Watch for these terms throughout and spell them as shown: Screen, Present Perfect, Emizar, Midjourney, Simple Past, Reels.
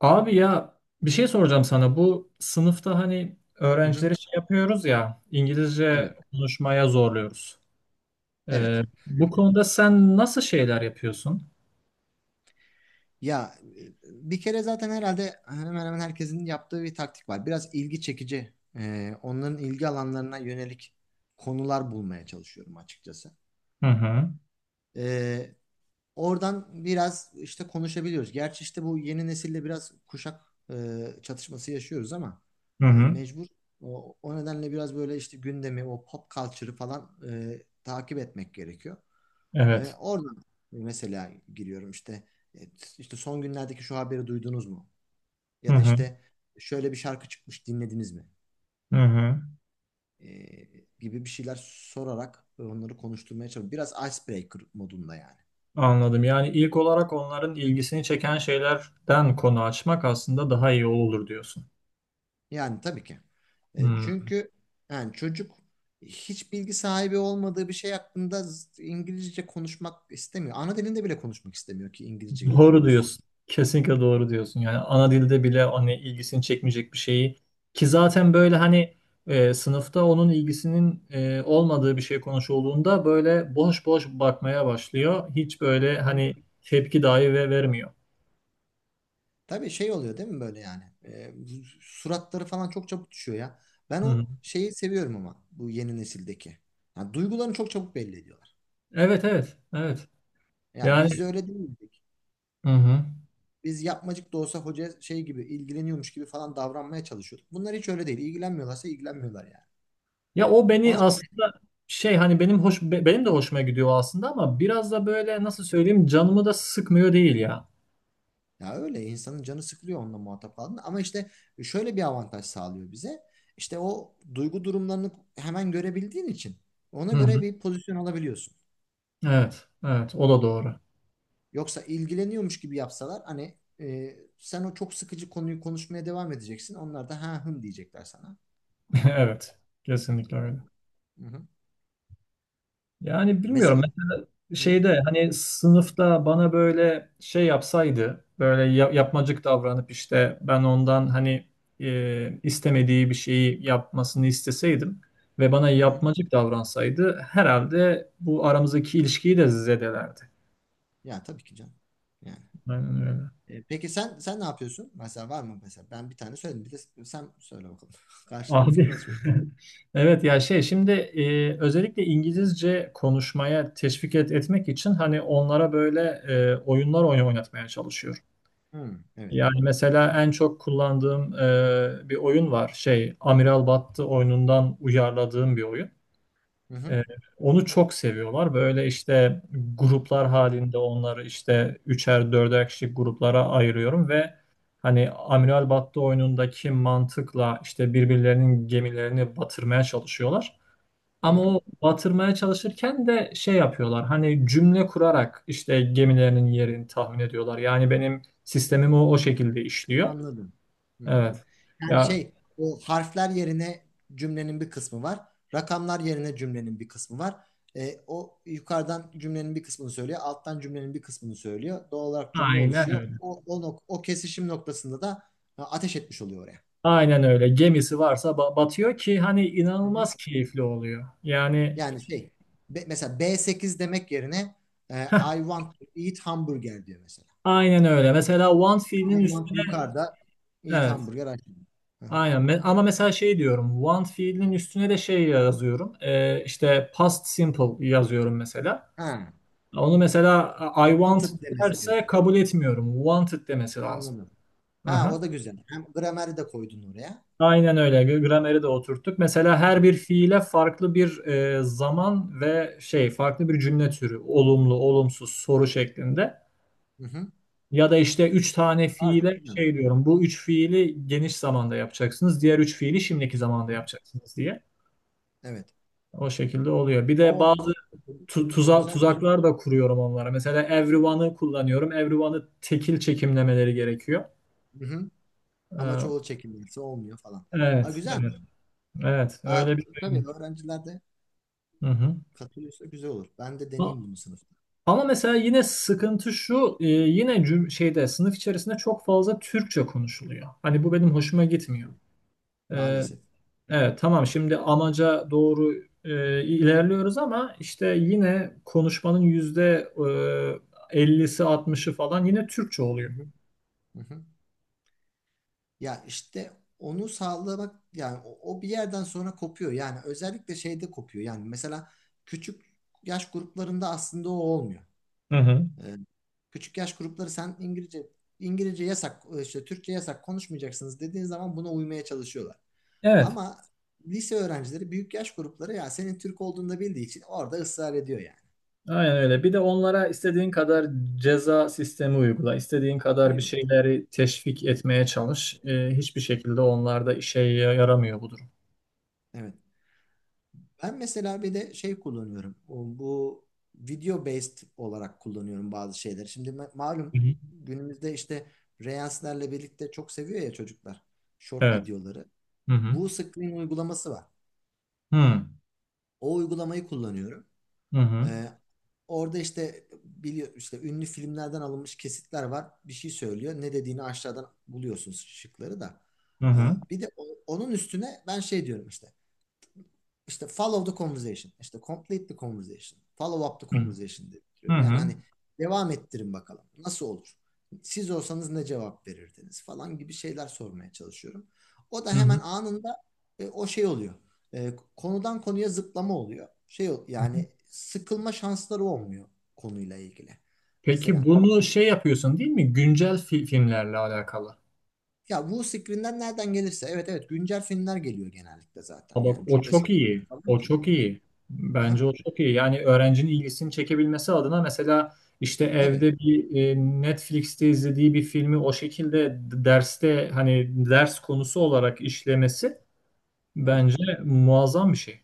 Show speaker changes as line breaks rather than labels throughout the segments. Abi ya bir şey soracağım sana. Bu sınıfta hani
Hı hı.
öğrencileri şey yapıyoruz ya İngilizce
Evet.
konuşmaya zorluyoruz. Ee,
Evet.
Bu konuda sen nasıl şeyler yapıyorsun?
Ya bir kere zaten herhalde hemen hemen herkesin yaptığı bir taktik var. Biraz ilgi çekici, onların ilgi alanlarına yönelik konular bulmaya çalışıyorum açıkçası.
Hı hı.
E, Oradan biraz işte konuşabiliyoruz. Gerçi işte bu yeni nesille biraz kuşak çatışması yaşıyoruz ama
Hı hı.
mecbur. O nedenle biraz böyle işte gündemi, o pop culture'ı falan takip etmek gerekiyor.
Evet.
Oradan mesela giriyorum e, işte son günlerdeki şu haberi duydunuz mu?
Hı
Ya da
hı.
işte şöyle bir şarkı çıkmış dinlediniz mi?
Hı hı.
Ee, Gibi bir şeyler sorarak onları konuşturmaya çalışıyorum. Biraz icebreaker modunda yani.
Anladım. Yani ilk olarak onların ilgisini çeken şeylerden konu açmak aslında daha iyi olur diyorsun.
Yani tabii ki.
Hmm.
Çünkü yani çocuk hiç bilgi sahibi olmadığı bir şey hakkında İngilizce konuşmak istemiyor. Ana dilinde bile konuşmak istemiyor ki İngilizce niye
Doğru
konuşsun?
diyorsun. Kesinlikle doğru diyorsun. Yani ana dilde bile hani ilgisini çekmeyecek bir şeyi ki zaten böyle hani sınıfta onun ilgisinin olmadığı bir şey konuşulduğunda böyle boş boş bakmaya başlıyor. Hiç böyle hani tepki dahi ve vermiyor.
Tabii şey oluyor değil mi böyle yani? Suratları falan çok çabuk düşüyor ya. Ben
Hı hı.
o şeyi seviyorum ama bu yeni nesildeki. Yani duygularını çok çabuk belli ediyorlar.
Evet, evet, evet.
Ya
Yani,
biz de öyle değildik.
hı hı.
Biz yapmacık da olsa hoca şey gibi ilgileniyormuş gibi falan davranmaya çalışıyorduk. Bunlar hiç öyle değil. İlgilenmiyorlarsa ilgilenmiyorlar yani.
Ya o beni
Ona
aslında şey hani benim de hoşuma gidiyor aslında ama biraz da böyle nasıl söyleyeyim canımı da sıkmıyor değil ya.
Ya öyle insanın canı sıkılıyor onunla muhatap kaldığında ama işte şöyle bir avantaj sağlıyor bize. İşte o duygu durumlarını hemen görebildiğin için ona
Hı hı.
göre bir pozisyon alabiliyorsun.
Evet, evet, o da doğru.
Yoksa ilgileniyormuş gibi yapsalar hani sen o çok sıkıcı konuyu konuşmaya devam edeceksin. Onlar da ha hım diyecekler sana.
Evet, kesinlikle öyle.
Hı-hı.
Yani bilmiyorum
Mesela
mesela
hı-hı.
şeyde hani sınıfta bana böyle şey yapsaydı böyle yapmacık davranıp işte ben ondan hani istemediği bir şeyi yapmasını isteseydim ve bana
Hı-hı.
yapmacık davransaydı herhalde bu aramızdaki ilişkiyi de zedelerdi.
Ya tabii ki canım. Yani.
Aynen öyle.
Peki sen ne yapıyorsun? Mesela var mı mesela? Ben bir tane söyledim. Bir de sen söyle bakalım. Karşılıklı fikir
Abi
alışverişi.
evet ya şey şimdi özellikle İngilizce konuşmaya teşvik etmek için hani onlara böyle oyunlar oynatmaya çalışıyorum.
Hı, evet.
Yani mesela en çok kullandığım bir oyun var. Şey, Amiral Battı oyunundan uyarladığım bir oyun.
Hı-hı.
E, Onu çok seviyorlar. Böyle işte gruplar halinde onları işte üçer dörder kişilik gruplara ayırıyorum ve hani Amiral Battı oyunundaki mantıkla işte birbirlerinin gemilerini batırmaya çalışıyorlar. Ama
Hı-hı.
o batırmaya çalışırken de şey yapıyorlar. Hani cümle kurarak işte gemilerinin yerini tahmin ediyorlar. Yani benim sistemim o, o şekilde işliyor.
Anladım. Hı-hı.
Evet.
Yani
Ya
şey o harfler yerine cümlenin bir kısmı var. Rakamlar yerine cümlenin bir kısmı var. O yukarıdan cümlenin bir kısmını söylüyor. Alttan cümlenin bir kısmını söylüyor. Doğal olarak cümle
aynen
oluşuyor.
öyle.
O kesişim noktasında da ha, ateş etmiş oluyor oraya.
Aynen öyle. Gemisi varsa batıyor ki hani
Hı hı.
inanılmaz keyifli oluyor. Yani
Yani şey mesela B8 demek yerine I want to eat hamburger diyor mesela.
aynen öyle. Mesela Want
I
fiilinin
want
üstüne
yukarıda eat
evet.
hamburger aşağıda. Hı hı.
Aynen. Ama mesela şey diyorum. Want fiilinin üstüne de şey yazıyorum. İşte past simple yazıyorum mesela.
Ha,
Onu mesela I want
wanted demesi
derse
gerekiyor.
kabul etmiyorum. Wanted demesi lazım.
Anladım.
Hı
Ha,
hı.
o da güzel. Hem grameri de koydun oraya.
Aynen öyle. Grameri de oturttuk. Mesela
Hı
her bir
hı.
fiile farklı bir zaman ve şey farklı bir cümle türü. Olumlu, olumsuz, soru şeklinde.
Hı hı.
Ya da işte üç tane
Aa, çok
fiile şey
güzelmiş.
diyorum. Bu üç fiili geniş zamanda yapacaksınız. Diğer üç fiili şimdiki zamanda
Hı.
yapacaksınız diye.
Evet.
O şekilde oluyor. Bir
O,
de bazı
o, o o güzelmiş.
tuzaklar da kuruyorum onlara. Mesela everyone'ı kullanıyorum. Everyone'ı tekil çekimlemeleri gerekiyor.
Hı hı. Ama
Ee,
çoğul çekimlerse olmuyor falan. Ha,
evet, evet,
güzelmiş.
evet.
Ha,
Öyle bir şey.
tabii öğrenciler de
Hı
katılıyorsa güzel olur. Ben de
hı.
deneyeyim bunu sınıfta.
Ama mesela yine sıkıntı şu, yine şeyde sınıf içerisinde çok fazla Türkçe konuşuluyor. Hani bu benim hoşuma gitmiyor. E,
Maalesef.
evet, tamam, şimdi amaca doğru ilerliyoruz ama işte yine konuşmanın yüzde 50'si altmışı falan yine Türkçe
Hı
oluyor.
hı. Hı hı. Ya işte onu sağlamak yani o bir yerden sonra kopuyor. Yani özellikle şeyde kopuyor. Yani mesela küçük yaş gruplarında aslında o olmuyor.
Hı hı.
Ee, Küçük yaş grupları sen İngilizce yasak işte Türkçe yasak konuşmayacaksınız dediğin zaman buna uymaya çalışıyorlar.
Evet,
Ama lise öğrencileri büyük yaş grupları ya senin Türk olduğunu da bildiği için orada ısrar ediyor yani.
aynen öyle. Bir de onlara istediğin kadar ceza sistemi uygula, istediğin kadar bir
Hayır.
şeyleri teşvik etmeye çalış. Hiçbir şekilde onlarda işe yaramıyor bu durum.
Evet. Ben mesela bir de şey kullanıyorum. Bu video based olarak kullanıyorum bazı şeyleri. Şimdi
Hı
malum
hı.
günümüzde işte Reels'lerle birlikte çok seviyor ya çocuklar short
Evet.
videoları.
Hı hı.
Bu Screen uygulaması var.
Hı hı.
O uygulamayı kullanıyorum.
Hı hı.
Ee, Orada işte biliyor işte ünlü filmlerden alınmış kesitler var. Bir şey söylüyor. Ne dediğini aşağıdan buluyorsunuz şıkları da.
Hı
Ee,
hı.
Bir de onun üstüne ben şey diyorum işte follow the conversation, işte complete the conversation, follow up the conversation diye
Hı
bitiriyorum. Yani
hı.
hani devam ettirin bakalım nasıl olur? Siz olsanız ne cevap verirdiniz falan gibi şeyler sormaya çalışıyorum. O da hemen
Hı.
anında o şey oluyor. Konudan konuya zıplama oluyor. Şey yani sıkılma şansları olmuyor konuyla ilgili.
Peki
Mesela
bunu şey yapıyorsun değil mi? Güncel filmlerle alakalı.
ya bu screen'den nereden gelirse evet evet güncel filmler geliyor genellikle zaten.
Ha bak
Yani
o
çok
çok
eski filmler
iyi.
falan
O çok
çıkmıyor.
iyi. Bence
Aha,
o çok iyi. Yani öğrencinin ilgisini çekebilmesi adına mesela işte
tabii.
evde bir Netflix'te izlediği bir filmi o şekilde derste hani ders konusu olarak işlemesi
Evet.
bence muazzam bir şey.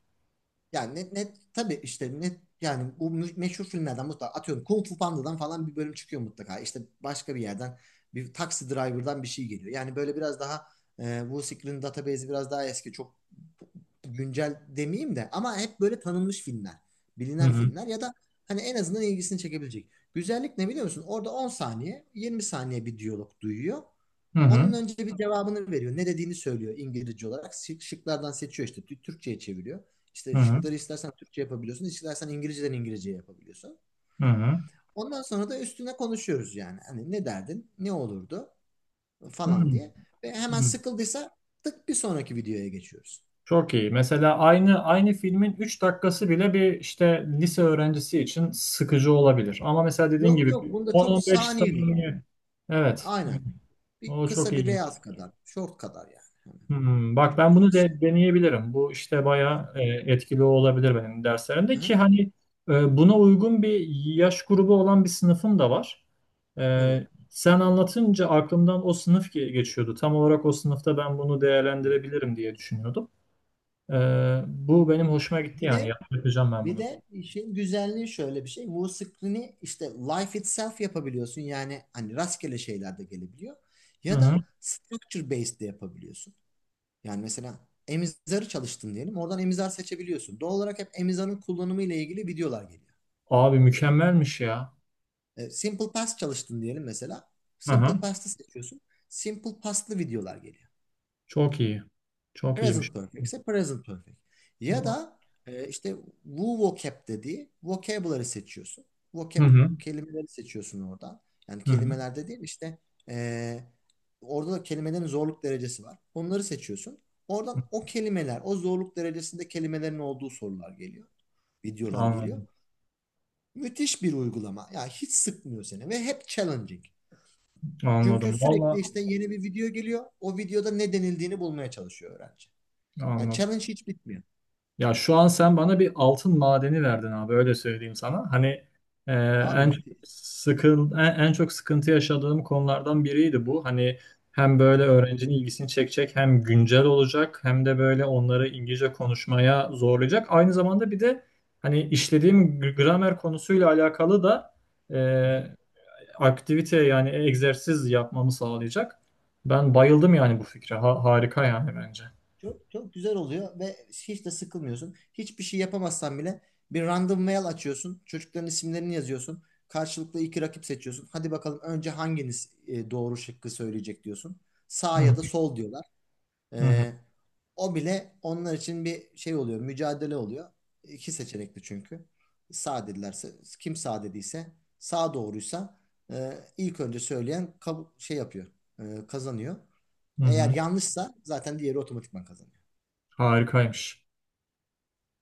Yani net, net tabii işte net yani bu meşhur filmlerden mutlaka atıyorum Kung Fu Panda'dan falan bir bölüm çıkıyor mutlaka. İşte başka bir yerden bir taksi driver'dan bir şey geliyor. Yani böyle biraz daha bu Secret'in database'i biraz daha eski, çok güncel demeyeyim de ama hep böyle tanınmış filmler,
Hı
bilinen
hı.
filmler ya da hani en azından ilgisini çekebilecek. Güzellik ne biliyor musun? Orada 10 saniye, 20 saniye bir diyalog duyuyor.
Hı
Onun
hı.
önce bir cevabını veriyor. Ne dediğini söylüyor İngilizce olarak. Şıklardan seçiyor işte. Türkçe'ye çeviriyor. İşte
Hı hı.
şıkları istersen Türkçe yapabiliyorsun, istersen İngilizceden İngilizceye yapabiliyorsun.
Hı hı.
Ondan sonra da üstüne konuşuyoruz yani. Hani ne derdin? Ne olurdu?
Hı
Falan diye. Ve hemen
hı.
sıkıldıysa tık bir sonraki videoya geçiyoruz.
Çok iyi. Mesela aynı filmin 3 dakikası bile bir işte lise öğrencisi için sıkıcı olabilir. Ama mesela dediğin
Yok
gibi
yok,
bir
bunda çok
10-15
saniyelik.
saniye. Evet, evet.
Aynen. Bir
O çok
kısa bir
iyi.
reels kadar. Short kadar yani.
Hmm, bak
Çok
ben
çok
bunu
kısa.
de deneyebilirim. Bu işte
Hı
bayağı etkili olabilir benim derslerimde ki
hı.
hani buna uygun bir yaş grubu olan bir sınıfım da var.
Evet.
Sen anlatınca aklımdan o sınıf geçiyordu. Tam olarak o sınıfta ben bunu
Hı hı.
değerlendirebilirim diye düşünüyordum. Bu benim hoşuma gitti
Bir
yani.
de
Yapacağım ben
Bir
bunu.
de işin güzelliği şöyle bir şey. Musical'ini işte life itself yapabiliyorsun. Yani hani rastgele şeyler de gelebiliyor.
Hı
Ya
hı.
da structure based de yapabiliyorsun. Yani mesela Emizar'ı çalıştın diyelim. Oradan Emizar seçebiliyorsun. Doğal olarak hep Emizar'ın kullanımı ile ilgili videolar geliyor.
Abi mükemmelmiş ya.
E, Simple Past çalıştın diyelim mesela.
Hı hı.
Simple Past'ı seçiyorsun. Simple Past'lı videolar geliyor.
Çok iyi. Çok iyiymiş.
Present perfect ise present perfect. Ya
Hı
da işte Wu vocab dediği vocabulary seçiyorsun. Vocab
hı.
kelimeleri seçiyorsun oradan. Yani
Hı hı.
kelimelerde değil işte e, orada da kelimelerin zorluk derecesi var. Onları seçiyorsun. Oradan o kelimeler, o zorluk derecesinde kelimelerin olduğu sorular geliyor. Videolar geliyor.
Anladım.
Müthiş bir uygulama. Ya hiç sıkmıyor seni ve hep challenging. Çünkü
Anladım.
sürekli
Vallahi
işte yeni bir video geliyor. O videoda ne denildiğini bulmaya çalışıyor öğrenci. Yani
anladım.
challenge hiç bitmiyor.
Ya şu an sen bana bir altın madeni verdin abi öyle söyleyeyim sana. Hani e,
Abi müthiş.
en çok sıkıntı yaşadığım konulardan biriydi bu. Hani hem
Hı
böyle
hı.
öğrencinin ilgisini çekecek hem güncel olacak hem de böyle onları İngilizce konuşmaya zorlayacak. Aynı zamanda bir de hani işlediğim gramer konusuyla alakalı da
Hı hı.
e, aktivite yani egzersiz yapmamı sağlayacak. Ben bayıldım yani bu fikre. Harika yani bence.
Çok, çok güzel oluyor ve hiç de sıkılmıyorsun. Hiçbir şey yapamazsan bile bir random mail açıyorsun. Çocukların isimlerini yazıyorsun. Karşılıklı iki rakip seçiyorsun. Hadi bakalım önce hanginiz doğru şıkkı söyleyecek diyorsun.
Hı
Sağ ya
hı
da sol diyorlar.
hı hı.
E, O bile onlar için bir şey oluyor. Mücadele oluyor. İki seçenekli çünkü. Sağ dedilerse kim sağ dediyse sağ doğruysa ilk önce söyleyen şey yapıyor. E, kazanıyor. Eğer
Hı.
yanlışsa zaten diğeri otomatikman kazanır.
Harikaymış.